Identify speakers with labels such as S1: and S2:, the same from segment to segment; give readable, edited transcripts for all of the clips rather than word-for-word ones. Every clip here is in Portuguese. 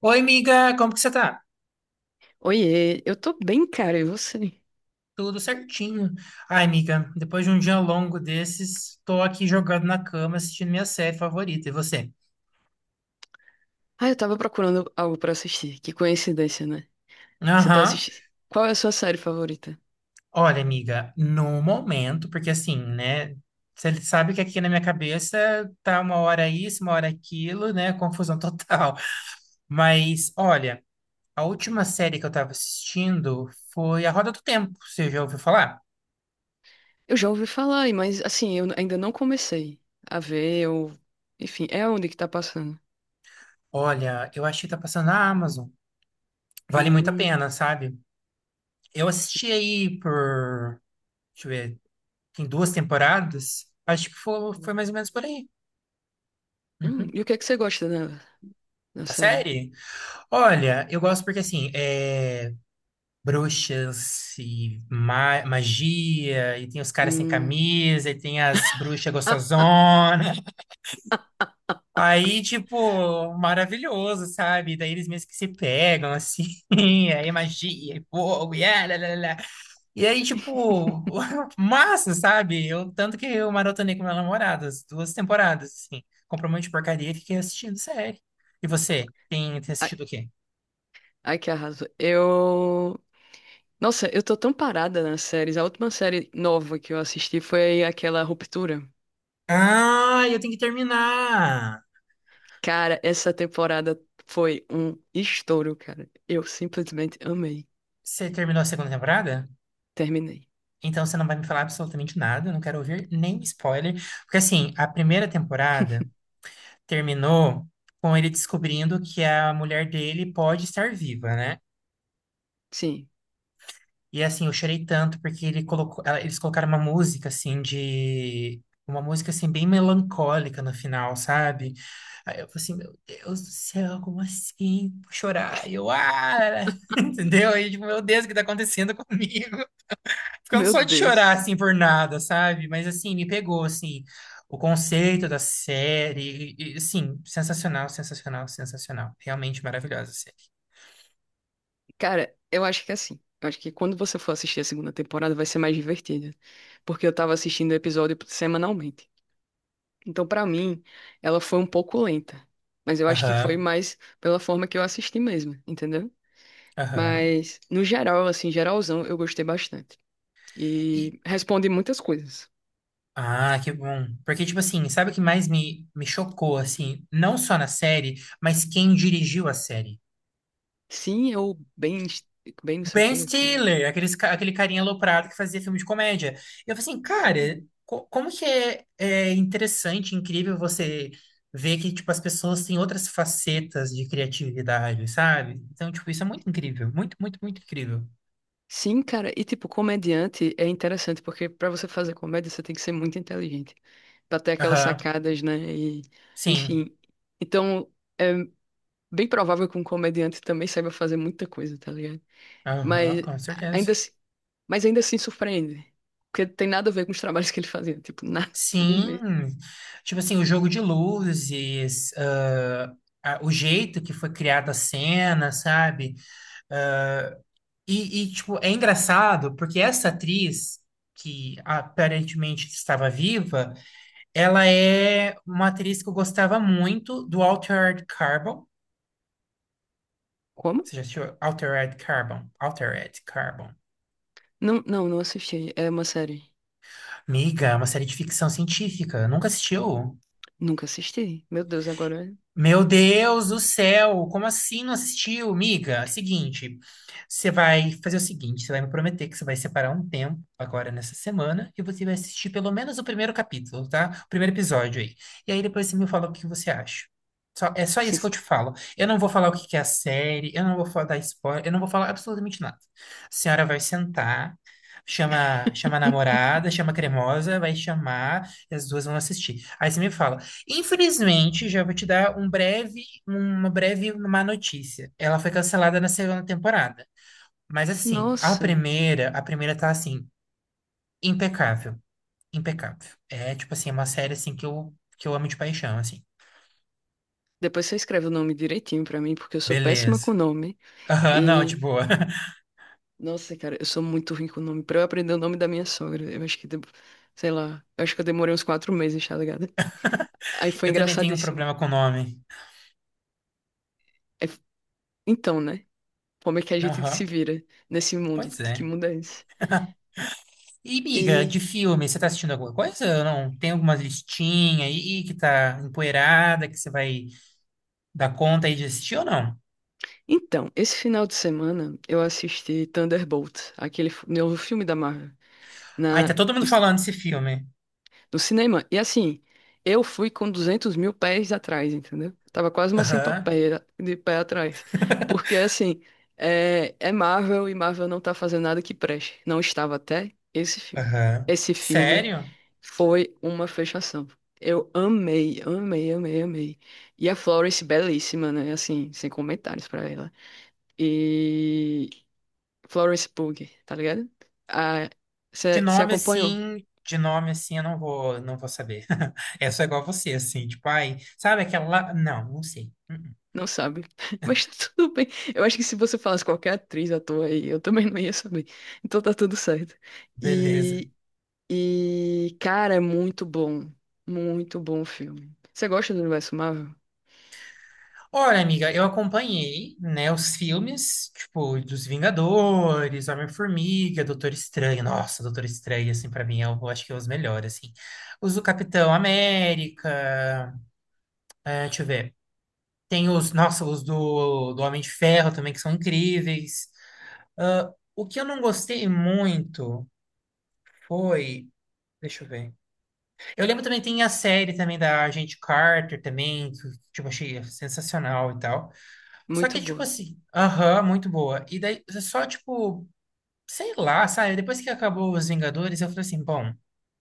S1: Oi, amiga, como que você tá?
S2: Oiê, eu tô bem, cara, e você?
S1: Tudo certinho. Ai, amiga, depois de um dia longo desses, tô aqui jogado na cama assistindo minha série favorita. E você?
S2: Ah, eu tava procurando algo pra assistir. Que coincidência, né? Você tá
S1: Aham.
S2: assistindo. Qual é a sua série favorita?
S1: Olha, amiga, no momento, porque assim, né? Você sabe que aqui na minha cabeça tá uma hora isso, uma hora aquilo, né? Confusão total. Mas, olha, a última série que eu tava assistindo foi A Roda do Tempo. Você já ouviu falar?
S2: Eu já ouvi falar, mas assim, eu ainda não comecei a ver, Enfim, é onde que tá passando.
S1: Olha, eu achei que tá passando na Amazon. Vale muito a
S2: Hum,
S1: pena, sabe? Eu assisti aí por, deixa eu ver, tem duas temporadas. Acho que foi, foi mais ou menos por aí. Uhum.
S2: E o que é que você gosta da
S1: Da
S2: série?
S1: série? Olha, eu gosto porque assim, é bruxas e magia, e tem os caras sem
S2: Hum.
S1: camisa, e tem as bruxas
S2: Ah,
S1: gostosonas. Aí, tipo, maravilhoso, sabe? Daí eles mesmo que se pegam, assim, aí é magia, e fogo, e ah, lá, lá, lá. E aí, tipo, massa, sabe? Eu, tanto que eu maratonei com meu namorado, as duas temporadas, assim. Comprou um monte de porcaria e fiquei assistindo série. E você, tem, tem
S2: ai,
S1: assistido o quê?
S2: ai, que arraso. Nossa, eu tô tão parada nas séries. A última série nova que eu assisti foi aquela Ruptura.
S1: Ah, eu tenho que terminar!
S2: Cara, essa temporada foi um estouro, cara. Eu simplesmente amei.
S1: Você terminou a segunda temporada?
S2: Terminei.
S1: Então você não vai me falar absolutamente nada, eu não quero ouvir nem spoiler. Porque, assim, a primeira temporada terminou com ele descobrindo que a mulher dele pode estar viva, né?
S2: Sim.
S1: E assim, eu chorei tanto porque ele colocou, eles colocaram uma música assim de uma música assim bem melancólica no final, sabe? Aí eu falei assim, meu Deus do céu, como assim? Vou chorar. E eu, ah, entendeu? Aí, tipo, meu Deus, o que tá acontecendo comigo? Ficando
S2: Meu
S1: só de chorar
S2: Deus.
S1: assim por nada, sabe? Mas assim, me pegou assim o conceito da série, e, assim, sensacional, sensacional, sensacional. Realmente maravilhosa a série.
S2: Cara, eu acho que é assim. Eu acho que quando você for assistir a segunda temporada vai ser mais divertida. Porque eu tava assistindo o episódio semanalmente. Então, pra mim, ela foi um pouco lenta. Mas eu acho que foi
S1: Aham,
S2: mais pela forma que eu assisti mesmo, entendeu?
S1: aham.
S2: Mas, no geral, assim, geralzão, eu gostei bastante. E responde muitas coisas.
S1: Ah, que bom. Porque, tipo assim, sabe o que mais me chocou, assim? Não só na série, mas quem dirigiu a série.
S2: Sim, eu bem. Bem, não sei o
S1: Ben
S2: quê. Como é?
S1: Stiller, aqueles, aquele carinha aloprado que fazia filme de comédia. Eu falei assim, cara,
S2: Sim.
S1: como que é, é interessante, incrível você ver que, tipo, as pessoas têm outras facetas de criatividade, sabe? Então, tipo, isso é muito incrível. Muito, muito, muito incrível.
S2: Sim, cara. E tipo, comediante é interessante porque pra você fazer comédia você tem que ser muito inteligente, pra ter aquelas
S1: Aham,
S2: sacadas, né? E
S1: sim.
S2: enfim. Então, é bem provável que um comediante também saiba fazer muita coisa, tá ligado?
S1: Aham,
S2: Mas
S1: com
S2: a- ainda
S1: certeza.
S2: assim, mas ainda assim surpreende, porque tem nada a ver com os trabalhos que ele fazia, tipo, nada a ver
S1: Sim,
S2: mesmo.
S1: tipo assim, o jogo de luzes, ah, o jeito que foi criada a cena, sabe? E, tipo, é engraçado porque essa atriz, que aparentemente estava viva, ela é uma atriz que eu gostava muito do Altered Carbon.
S2: Como?
S1: Você já assistiu Altered Carbon? Altered Carbon.
S2: Não, não, não assisti. É uma série.
S1: Amiga, é uma série de ficção científica. Nunca assistiu?
S2: Nunca assisti. Meu Deus, agora.
S1: Meu Deus do céu, como assim não assistiu, miga? Seguinte, você vai fazer o seguinte, você vai me prometer que você vai separar um tempo agora nessa semana e você vai assistir pelo menos o primeiro capítulo, tá? O primeiro episódio aí. E aí depois você me fala o que você acha. É só isso que eu
S2: Sin-
S1: te falo. Eu não vou falar o que que é a série, eu não vou dar spoiler, eu não vou falar absolutamente nada. A senhora vai sentar, chama, chama a namorada, chama a cremosa, vai chamar e as duas vão assistir. Aí você me fala, infelizmente, já vou te dar um breve, uma breve má notícia. Ela foi cancelada na segunda temporada. Mas assim,
S2: Nossa.
S1: a primeira tá assim, impecável, impecável. É tipo assim, é uma série assim que eu amo de paixão, assim.
S2: Depois você escreve o nome direitinho pra mim, porque eu sou péssima
S1: Beleza.
S2: com nome.
S1: Aham, não, de
S2: E,
S1: boa.
S2: nossa, cara, eu sou muito ruim com o nome. Pra eu aprender o nome da minha sogra, eu acho que, sei lá, eu acho que eu demorei uns 4 meses, tá ligado? Aí foi
S1: Eu também tenho um
S2: engraçadíssimo.
S1: problema com o nome.
S2: Aí então, né? Como é que a gente se
S1: Aham,
S2: vira nesse mundo?
S1: pois
S2: Que
S1: é.
S2: mundo é esse?
S1: E, miga, de
S2: E,
S1: filme, você tá assistindo alguma coisa ou não? Tem alguma listinha aí que tá empoeirada que você vai dar conta aí de assistir ou não?
S2: então, esse final de semana eu assisti Thunderbolt, aquele novo filme da Marvel,
S1: Ai, tá
S2: na,
S1: todo mundo falando desse filme.
S2: no cinema. E assim, eu fui com 200 mil pés atrás, entendeu? Tava quase uma
S1: Aham,
S2: centopeia de pé atrás. Porque assim, é Marvel e Marvel não tá fazendo nada que preste. Não estava até esse filme.
S1: aham.
S2: Esse filme
S1: Sério?
S2: foi uma fechação. Eu amei, amei, amei, amei. E a Florence, belíssima, né? Assim, sem comentários pra ela. E Florence Pugh, tá ligado? Você acompanha?
S1: De nome assim, eu não vou, não vou saber. É só igual você, assim, tipo, ai, sabe aquela. Não, não sei. Uhum.
S2: Não sabe. Mas tá tudo bem. Eu acho que se você falasse qualquer atriz, ator aí, eu também não ia saber. Então tá tudo certo.
S1: Beleza.
S2: E, e cara, é muito bom. Muito bom o filme. Você gosta do universo Marvel?
S1: Olha, amiga, eu acompanhei, né, os filmes, tipo, dos Vingadores, Homem-Formiga, Doutor Estranho. Nossa, Doutor Estranho, assim, pra mim, eu acho que é os melhores, assim. Os do Capitão América, é, deixa eu ver. Tem os, nossa, os do, do Homem de Ferro também, que são incríveis. Ah, o que eu não gostei muito foi. Deixa eu ver. Eu lembro também, tem a série também da Agente Carter também, que tipo, achei sensacional e tal. Só
S2: Muito
S1: que, tipo
S2: boa.
S1: assim, aham, muito boa. E daí, só, tipo, sei lá, sabe? Depois que acabou Os Vingadores, eu falei assim, bom,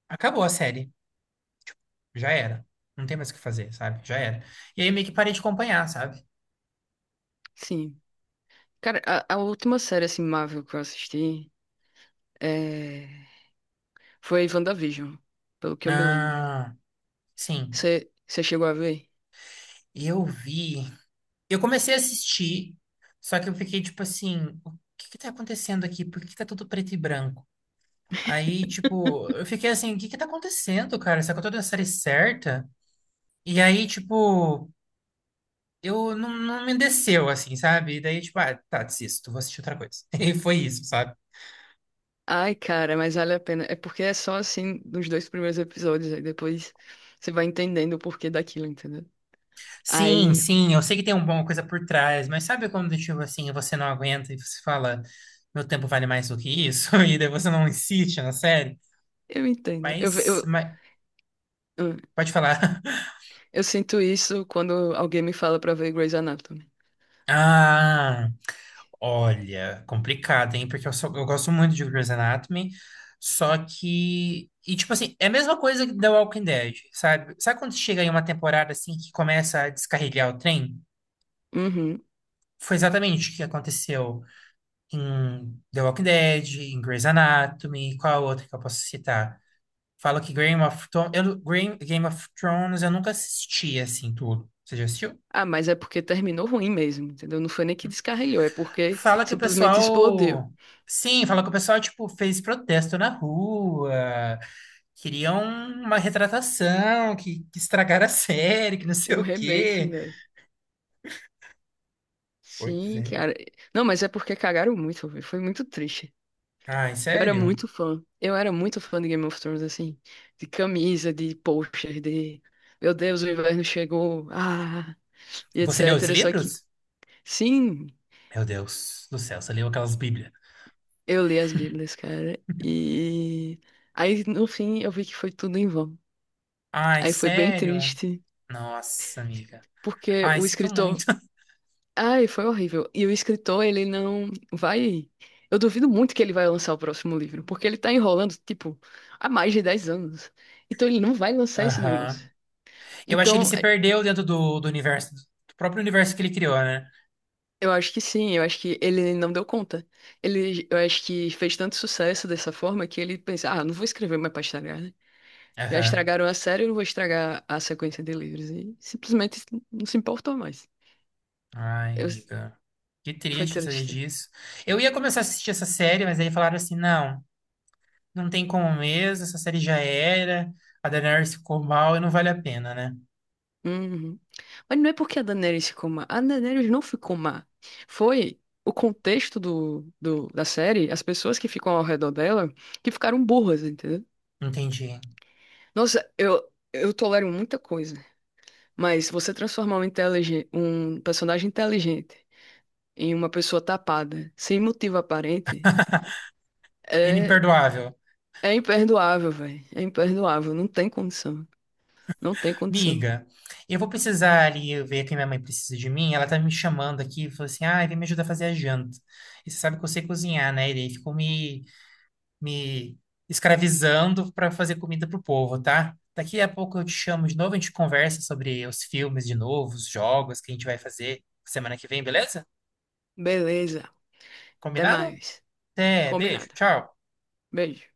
S1: acabou a série. Já era. Não tem mais o que fazer, sabe? Já era. E aí eu meio que parei de acompanhar, sabe?
S2: Sim. Cara, a última série assim, Marvel que eu assisti é... foi WandaVision, pelo que eu me lembro.
S1: Ah, sim.
S2: Você chegou a ver?
S1: Eu vi. Eu comecei a assistir, só que eu fiquei tipo assim, o que que tá acontecendo aqui? Por que que tá tudo preto e branco? Aí, tipo, eu fiquei assim, o que que tá acontecendo, cara? Será que eu tô da série certa? E aí, tipo, eu não me desceu, assim, sabe? E daí, tipo, ah, tá, desisto, vou assistir outra coisa. E foi isso, sabe?
S2: Ai, cara, mas vale a pena. É porque é só assim nos dois primeiros episódios, aí depois você vai entendendo o porquê daquilo, entendeu?
S1: Sim,
S2: Aí
S1: sim, eu sei que tem uma coisa por trás, mas sabe quando, tipo, assim, você não aguenta e você fala, meu tempo vale mais do que isso? E daí você não insiste na série?
S2: eu entendo. Eu, ve-
S1: Mas,
S2: eu,
S1: mas
S2: hum,
S1: pode falar.
S2: eu sinto isso quando alguém me fala pra ver Grey's Anatomy.
S1: Ah, olha, complicado, hein? Porque eu, só, eu gosto muito de Grey's Anatomy, só que. E, tipo assim, é a mesma coisa que The Walking Dead, sabe? Sabe quando chega em uma temporada assim que começa a descarrilhar o trem?
S2: Uhum.
S1: Foi exatamente o que aconteceu em The Walking Dead, em Grey's Anatomy, qual outra que eu posso citar? Falo que Game of Thrones. Eu, Game of Thrones eu nunca assisti assim tudo. Você já assistiu?
S2: Ah, mas é porque terminou ruim mesmo, entendeu? Não foi nem que descarrilhou, é porque
S1: Fala que o
S2: simplesmente explodiu.
S1: pessoal. Sim, fala que o pessoal, tipo, fez protesto na rua, queriam uma retratação, que estragaram a série, que não sei
S2: Um
S1: o
S2: remake,
S1: quê.
S2: velho.
S1: Pois
S2: Sim,
S1: é.
S2: cara. Não, mas é porque cagaram muito, velho. Foi muito triste.
S1: Ai,
S2: Eu era
S1: sério?
S2: muito fã. Eu era muito fã de Game of Thrones, assim. De camisa, de pôster, de. Meu Deus, o inverno chegou. Ah, e
S1: Você leu os
S2: etc. Só que.
S1: livros?
S2: Sim.
S1: Meu Deus do céu, você leu aquelas bíblias.
S2: Eu li as Bíblias, cara, e aí no fim eu vi que foi tudo em vão.
S1: Ai,
S2: Aí foi bem
S1: sério?
S2: triste,
S1: Nossa, amiga.
S2: porque
S1: Ai,
S2: o
S1: sinto
S2: escritor,
S1: muito.
S2: ai, foi horrível. E o escritor, ele não vai, eu duvido muito que ele vai lançar o próximo livro, porque ele tá enrolando, tipo, há mais de 10 anos. Então ele não vai lançar esse
S1: Aham.
S2: negócio.
S1: Eu acho que ele
S2: Então,
S1: se
S2: é,
S1: perdeu dentro do, do universo, do próprio universo que ele criou, né?
S2: eu acho que sim, eu acho que ele não deu conta. Ele, eu acho que fez tanto sucesso dessa forma que ele pensa, ah, não vou escrever mais pra estragar. Já
S1: Aham.
S2: estragaram a série, eu não vou estragar a sequência de livros. E simplesmente não se importou mais.
S1: Ai,
S2: Eu-
S1: amiga. Que
S2: Foi
S1: triste saber
S2: triste.
S1: disso. Eu ia começar a assistir essa série, mas aí falaram assim: não, não tem como mesmo, essa série já era. A Daenerys ficou mal e não vale a pena, né?
S2: Uhum. Mas não é porque a Daenerys ficou má. A Daenerys não ficou má. Foi o contexto da série, as pessoas que ficam ao redor dela, que ficaram burras, entendeu?
S1: Entendi.
S2: Nossa, eu tolero muita coisa. Mas você transformar um, um personagem inteligente em uma pessoa tapada, sem motivo aparente, é
S1: Inimperdoável.
S2: É imperdoável, velho. É imperdoável. Não tem condição. Não tem condição.
S1: Miga, eu vou precisar ali ver que minha mãe precisa de mim. Ela tá me chamando aqui falou assim: ai, vem me ajudar a fazer a janta. E você sabe que eu sei cozinhar, né? E daí ficou me escravizando para fazer comida pro povo, tá? Daqui a pouco eu te chamo de novo, a gente conversa sobre os filmes de novo, os jogos que a gente vai fazer semana que vem, beleza?
S2: Beleza. Até
S1: Combinado?
S2: mais.
S1: Até, beijo,
S2: Combinado.
S1: tchau.
S2: Beijo.